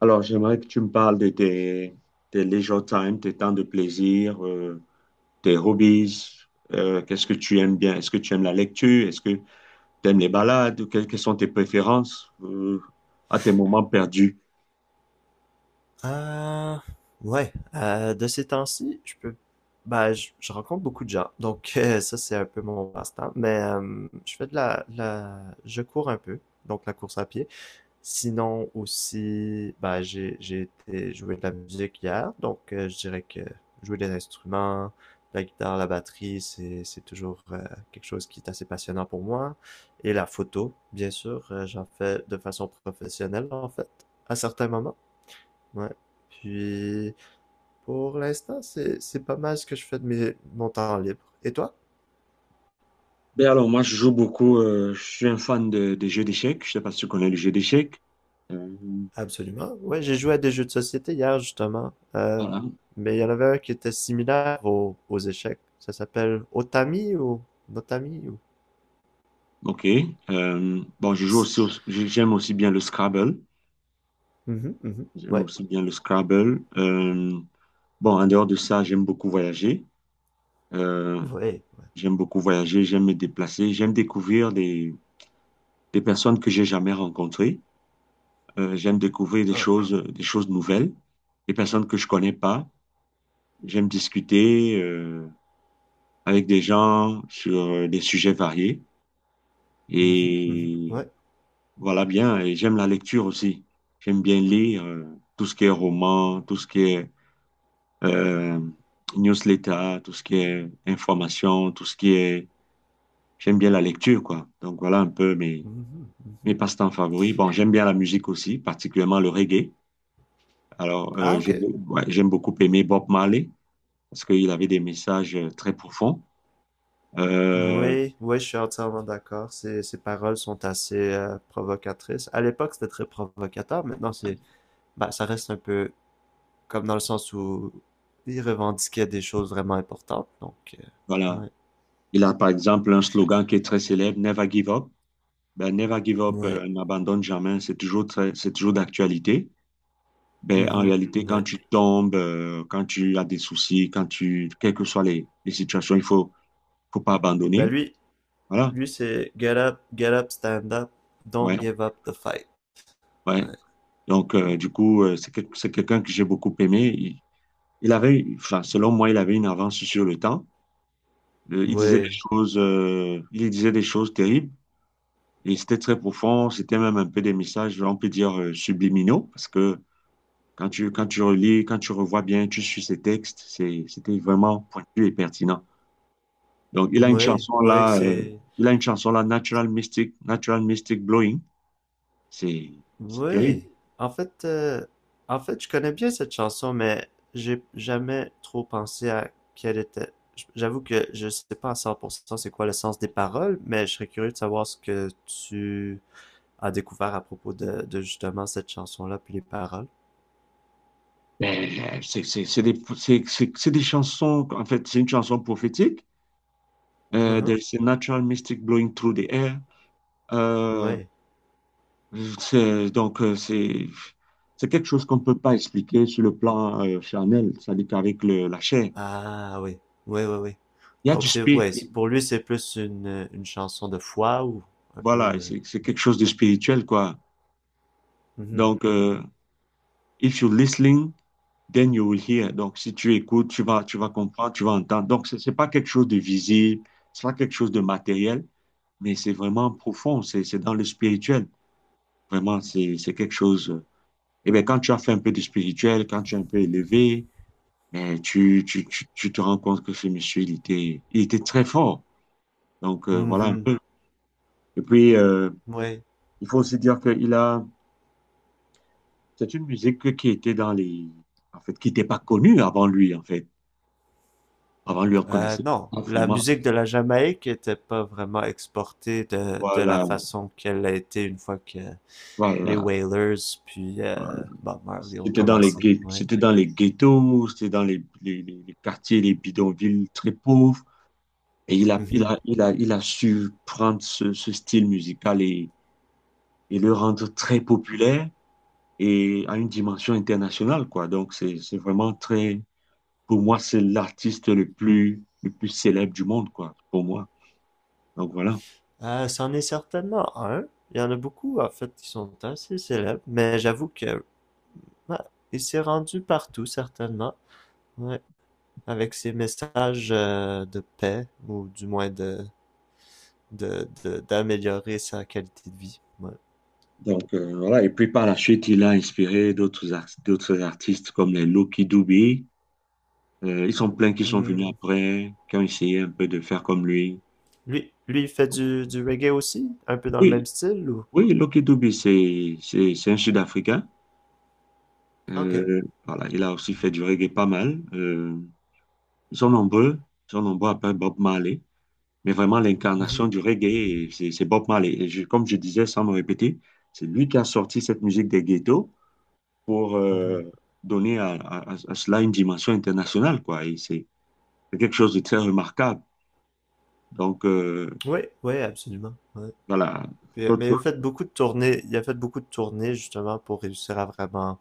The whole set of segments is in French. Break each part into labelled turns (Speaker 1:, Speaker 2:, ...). Speaker 1: Alors, j'aimerais que tu me parles de tes leisure time, tes temps de plaisir, tes hobbies. Qu'est-ce que tu aimes bien? Est-ce que tu aimes la lecture? Est-ce que tu aimes les balades? Quelles sont tes préférences, à tes moments perdus?
Speaker 2: Euh, ouais, de ces temps-ci, je peux, bah, je rencontre beaucoup de gens, donc ça c'est un peu mon passe-temps. Mais je fais de la, je cours un peu, donc la course à pied. Sinon aussi, bah, j'ai été jouer de la musique hier, donc je dirais que jouer des instruments, la guitare, la batterie, c'est toujours quelque chose qui est assez passionnant pour moi. Et la photo, bien sûr, j'en fais de façon professionnelle en fait, à certains moments. Ouais. Puis pour l'instant, c'est pas mal ce que je fais de mes mon temps libre. Et toi?
Speaker 1: Ben alors, moi, je joue beaucoup. Je suis un fan des jeux d'échecs. Je sais pas si tu connais le jeu d'échecs. Euh,
Speaker 2: Absolument. Ouais, j'ai joué à des jeux de société hier justement.
Speaker 1: voilà.
Speaker 2: Mais il y en avait un qui était similaire aux échecs. Ça s'appelle Otami ou Notami ou.
Speaker 1: OK. Bon, je joue
Speaker 2: C'est-
Speaker 1: aussi, j'aime aussi bien le Scrabble.
Speaker 2: Mhm, mhm.
Speaker 1: J'aime
Speaker 2: Ouais.
Speaker 1: aussi bien le Scrabble. Bon, en dehors de ça, j'aime beaucoup voyager. Euh,
Speaker 2: Ouais.
Speaker 1: J'aime beaucoup voyager, j'aime me déplacer, j'aime découvrir des personnes que j'ai jamais rencontrées. J'aime découvrir
Speaker 2: Ah.
Speaker 1: des choses nouvelles, des personnes que je connais pas. J'aime discuter avec des gens sur des sujets variés.
Speaker 2: Mhm, mhm.
Speaker 1: Et
Speaker 2: Ouais.
Speaker 1: voilà bien. Et j'aime la lecture aussi. J'aime bien lire tout ce qui est roman, tout ce qui est euh, newsletter, tout ce qui est information, tout ce qui est... J'aime bien la lecture, quoi. Donc voilà un peu mes
Speaker 2: Mhm,
Speaker 1: Mes
Speaker 2: mhm.
Speaker 1: passe-temps favoris. Bon, j'aime bien la musique aussi, particulièrement le reggae. Alors,
Speaker 2: Ah, ok.
Speaker 1: ouais, j'aime beaucoup aimer Bob Marley parce qu'il avait des messages très profonds. Euh,
Speaker 2: Oui, oui, je suis entièrement d'accord. Ces paroles sont assez provocatrices. À l'époque, c'était très provocateur. Maintenant, bah, ça reste un peu, comme dans le sens où il revendiquait des choses vraiment importantes. Donc,
Speaker 1: voilà.
Speaker 2: ouais.
Speaker 1: Il a par exemple un slogan qui est très célèbre, Never give up. Ben, Never give up,
Speaker 2: Ouais.
Speaker 1: n'abandonne jamais. C'est toujours très, c'est toujours d'actualité. Ben, en
Speaker 2: Mhm.
Speaker 1: réalité, quand
Speaker 2: Ouais.
Speaker 1: tu tombes, quand tu as des soucis, quand tu, quelles que soient les situations, il faut, faut pas
Speaker 2: Ben
Speaker 1: abandonner.
Speaker 2: lui,
Speaker 1: Voilà.
Speaker 2: lui c'est get up, stand up,
Speaker 1: Ouais.
Speaker 2: don't give up the fight.
Speaker 1: Ouais.
Speaker 2: Ouais.
Speaker 1: Donc, du coup, c'est quelqu'un que j'ai beaucoup aimé. Il avait, enfin, selon moi, il avait une avance sur le temps. Il disait des
Speaker 2: Ouais.
Speaker 1: choses, il disait des choses terribles et c'était très profond. C'était même un peu des messages, on peut dire, subliminaux parce que quand tu relis, quand tu revois bien, tu suis ses textes, c'était vraiment pointu et pertinent. Donc, il a une
Speaker 2: Ouais.
Speaker 1: chanson
Speaker 2: Ouais,
Speaker 1: là,
Speaker 2: c'est.
Speaker 1: Natural Mystic, Natural Mystic Blowing. C'est, c'est terrible.
Speaker 2: Ouais. En fait, euh, en fait, je connais bien cette chanson, mais j'ai jamais trop pensé à quelle était. J'avoue que je sais pas à 100% c'est quoi le sens des paroles, mais je serais curieux de savoir ce que tu a découvert à propos de justement cette chanson-là, puis les paroles.
Speaker 1: Mais, c'est des chansons, en fait, c'est une chanson prophétique.
Speaker 2: Mhm.
Speaker 1: There is a natural mystic blowing through the air. Euh,
Speaker 2: Ouais.
Speaker 1: c'est, donc, euh, c'est, c'est quelque chose qu'on ne peut pas expliquer sur le plan charnel, c'est-à-dire qu'avec la chair.
Speaker 2: Ah oui. Oui, oui, oui.
Speaker 1: Il y a du
Speaker 2: Donc c'est,
Speaker 1: spirit,
Speaker 2: ouais, pour lui c'est plus une chanson de foi ou un peu
Speaker 1: voilà,
Speaker 2: de.
Speaker 1: c'est quelque chose de spirituel, quoi.
Speaker 2: Mhm.
Speaker 1: Donc, if you're listening, then you will hear. Donc, si tu écoutes, tu vas comprendre, tu vas entendre. Donc, ce n'est pas quelque chose de visible, ce n'est pas quelque chose de matériel, mais c'est vraiment profond, c'est dans le spirituel. Vraiment, c'est quelque chose. Et bien, quand tu as fait un peu de spirituel, quand tu es un peu élevé, eh, tu te rends compte que ce monsieur, il était très fort. Donc, voilà un
Speaker 2: Mhm.
Speaker 1: peu. Et puis,
Speaker 2: Ouais.
Speaker 1: il faut aussi dire c'est une musique qui était en fait, qui n'était pas connue avant lui, en fait. Avant lui, on connaissait
Speaker 2: Non,
Speaker 1: pas
Speaker 2: la
Speaker 1: vraiment,
Speaker 2: musique de la Jamaïque était pas vraiment exportée de la
Speaker 1: voilà,
Speaker 2: façon qu'elle a été une fois que les
Speaker 1: voilà.
Speaker 2: Wailers puis
Speaker 1: Voilà.
Speaker 2: Bob Marley ont
Speaker 1: C'était
Speaker 2: commencé. Ouais.
Speaker 1: c'était dans les ghettos, c'était dans les quartiers, les bidonvilles très pauvres. Et
Speaker 2: Mhm.
Speaker 1: il a su prendre ce style musical et le rendre très populaire et à une dimension internationale, quoi. Donc, c'est vraiment très, pour moi, c'est l'artiste le plus célèbre du monde, quoi, pour moi. Donc, voilà.
Speaker 2: C'en est certainement un. Il y en a beaucoup, en fait, qui sont assez célèbres, mais j'avoue que ouais, il s'est rendu partout, certainement. Ouais, avec ses messages de paix, ou du moins d'améliorer sa qualité de vie. Ouais.
Speaker 1: Donc, voilà. Et puis, par la suite, il a inspiré d'autres artistes comme les Lucky Dube. Ils sont pleins qui sont venus
Speaker 2: Hmm.
Speaker 1: après, qui ont essayé un peu de faire comme lui.
Speaker 2: Lui, il fait du reggae aussi, un peu dans le même
Speaker 1: Oui,
Speaker 2: style, ou?
Speaker 1: oui, Lucky Dube, c'est un Sud-Africain.
Speaker 2: Ok.
Speaker 1: Voilà, il a aussi fait du reggae pas mal. Ils sont nombreux. Ils sont nombreux après Bob Marley. Mais vraiment
Speaker 2: Mhm,
Speaker 1: l'incarnation du reggae, et c'est Bob Marley. Comme je disais, sans me répéter, c'est lui qui a sorti cette musique des ghettos pour
Speaker 2: mhm.
Speaker 1: donner à cela une dimension internationale, quoi. Et c'est quelque chose de très remarquable. Donc,
Speaker 2: Oui, oui, absolument. Ouais.
Speaker 1: voilà,
Speaker 2: Puis,
Speaker 1: autre
Speaker 2: mais
Speaker 1: chose,
Speaker 2: il a fait beaucoup de tournées justement pour réussir à vraiment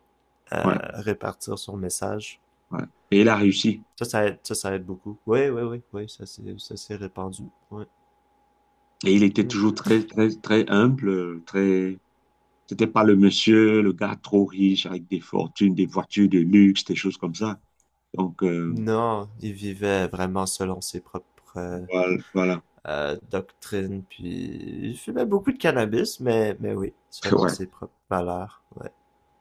Speaker 1: ouais,
Speaker 2: à répartir son message.
Speaker 1: ouais. Et il a réussi.
Speaker 2: Ça aide, ça aide beaucoup. Oui, oui, oui, oui, ça s'est répandu. Ouais.
Speaker 1: Et il était
Speaker 2: Mm.
Speaker 1: toujours très humble, très... C'était pas le monsieur, le gars trop riche, avec des fortunes, des voitures de luxe, des choses comme ça. Donc,
Speaker 2: Non, il vivait vraiment selon ses propres
Speaker 1: voilà. Voilà.
Speaker 2: doctrines, puis il fumait beaucoup de cannabis, mais oui, selon
Speaker 1: Ouais.
Speaker 2: ses propres valeurs. Ouais.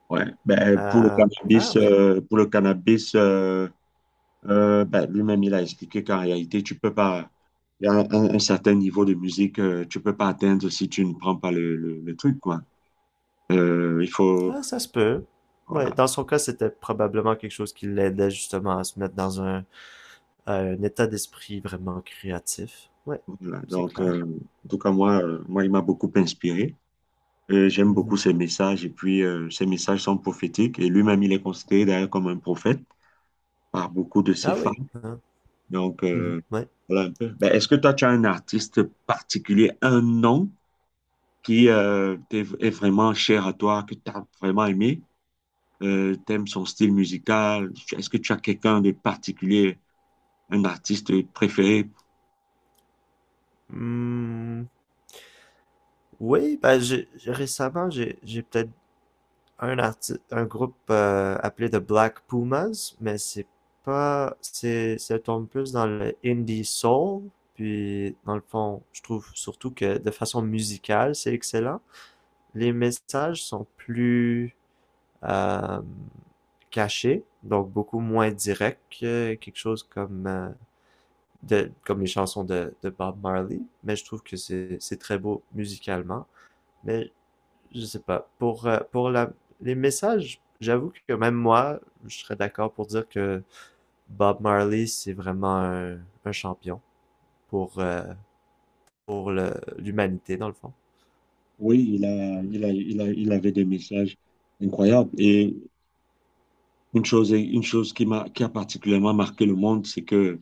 Speaker 1: Ouais, ben, pour le
Speaker 2: Ah
Speaker 1: cannabis,
Speaker 2: oui,
Speaker 1: ben, lui-même, il a expliqué qu'en réalité, tu peux pas, il y a un certain niveau de musique, tu peux pas atteindre si tu ne prends pas le truc, quoi. Il faut,
Speaker 2: ah, ça se peut. Ouais,
Speaker 1: voilà.
Speaker 2: dans son cas, c'était probablement quelque chose qui l'aidait justement à se mettre dans un état d'esprit vraiment créatif. Ouais,
Speaker 1: Voilà.
Speaker 2: c'est
Speaker 1: Donc,
Speaker 2: clair.
Speaker 1: en tout cas, moi, il m'a beaucoup inspiré. J'aime beaucoup
Speaker 2: Mhm.
Speaker 1: ses messages, et puis ses messages sont prophétiques, et lui-même, il est considéré d'ailleurs comme un prophète par beaucoup de ses
Speaker 2: Ah
Speaker 1: fans.
Speaker 2: oui, hein.
Speaker 1: Donc,
Speaker 2: Mhm. Ouais.
Speaker 1: voilà un peu. Ben, est-ce que toi, tu as un artiste particulier, un nom qui est vraiment cher à toi, que tu as vraiment aimé, t'aimes son style musical. Est-ce que tu as quelqu'un de particulier, un artiste préféré?
Speaker 2: Hmm, oui, ben récemment j'ai peut-être un groupe appelé The Black Pumas, mais c'est pas, c'est, ça tombe plus dans le indie soul, puis dans le fond, je trouve surtout que de façon musicale, c'est excellent. Les messages sont plus euh, cachés, donc beaucoup moins directs que quelque chose comme comme les chansons de Bob Marley, mais je trouve que c'est très beau musicalement. Mais je sais pas. Pour les messages, j'avoue que même moi, je serais d'accord pour dire que Bob Marley, c'est vraiment un champion pour, euh, l'humanité, dans le fond.
Speaker 1: Oui, il avait des messages incroyables. Et une chose qui a particulièrement marqué le monde, c'est que,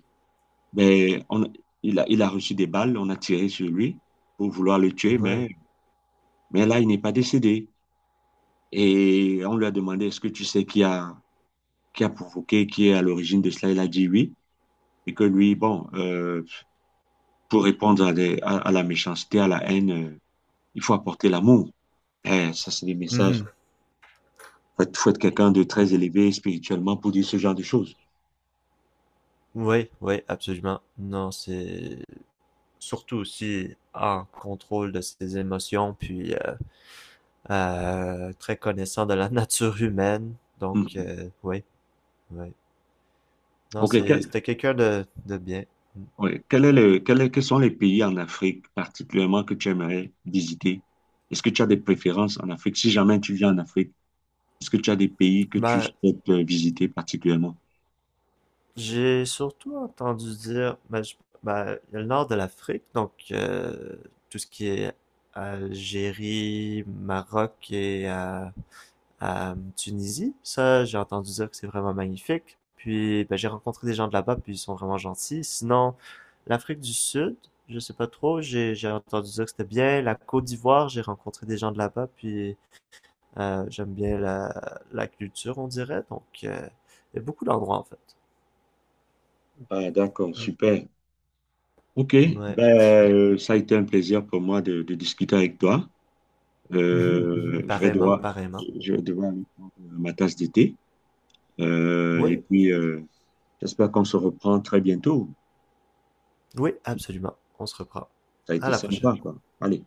Speaker 1: ben, on, il a reçu des balles, on a tiré sur lui pour vouloir le tuer, mais là, il n'est pas décédé. Et on lui a demandé, est-ce que tu sais qui a provoqué, qui est à l'origine de cela? Il a dit oui. Et que lui, bon, pour répondre à la méchanceté, à la haine, il faut apporter l'amour. Eh, ça, c'est des messages. Il faut, faut être quelqu'un de
Speaker 2: Mhm.
Speaker 1: très élevé spirituellement pour dire ce genre de choses.
Speaker 2: Oui, oui, absolument. Non, c'est surtout aussi en contrôle de ses émotions, puis très connaissant de la nature humaine. Donc,
Speaker 1: Mhm.
Speaker 2: oui, oui. Non,
Speaker 1: OK.
Speaker 2: c'était quelqu'un de bien. Mm.
Speaker 1: Ouais. Quel est quels sont les pays en Afrique particulièrement que tu aimerais visiter? Est-ce que tu as des préférences en Afrique si jamais tu viens en Afrique? Est-ce que tu as des pays que tu
Speaker 2: Ben,
Speaker 1: souhaites visiter particulièrement?
Speaker 2: j'ai surtout entendu dire, ben, ben, il y a le nord de l'Afrique, donc tout ce qui est Algérie, Maroc et Tunisie, ça j'ai entendu dire que c'est vraiment magnifique. Puis ben, j'ai rencontré des gens de là-bas, puis ils sont vraiment gentils. Sinon, l'Afrique du Sud, je sais pas trop, j'ai entendu dire que c'était bien. La Côte d'Ivoire, j'ai rencontré des gens de là-bas, puis j'aime bien la culture, on dirait. Donc il y a beaucoup d'endroits en fait.
Speaker 1: Ah, d'accord,
Speaker 2: Mm.
Speaker 1: super. Ok,
Speaker 2: Ouais.
Speaker 1: ben, ça a été un plaisir pour moi de discuter avec toi.
Speaker 2: Mhm,
Speaker 1: Euh,
Speaker 2: mhm.
Speaker 1: je vais
Speaker 2: Pareillement,
Speaker 1: devoir,
Speaker 2: pareillement.
Speaker 1: je vais devoir aller prendre ma tasse de thé. Et
Speaker 2: Oui,
Speaker 1: puis, j'espère qu'on se reprend très bientôt.
Speaker 2: oui, absolument. On se reprend.
Speaker 1: Ça a
Speaker 2: À
Speaker 1: été
Speaker 2: la
Speaker 1: sympa,
Speaker 2: prochaine.
Speaker 1: quoi. Allez.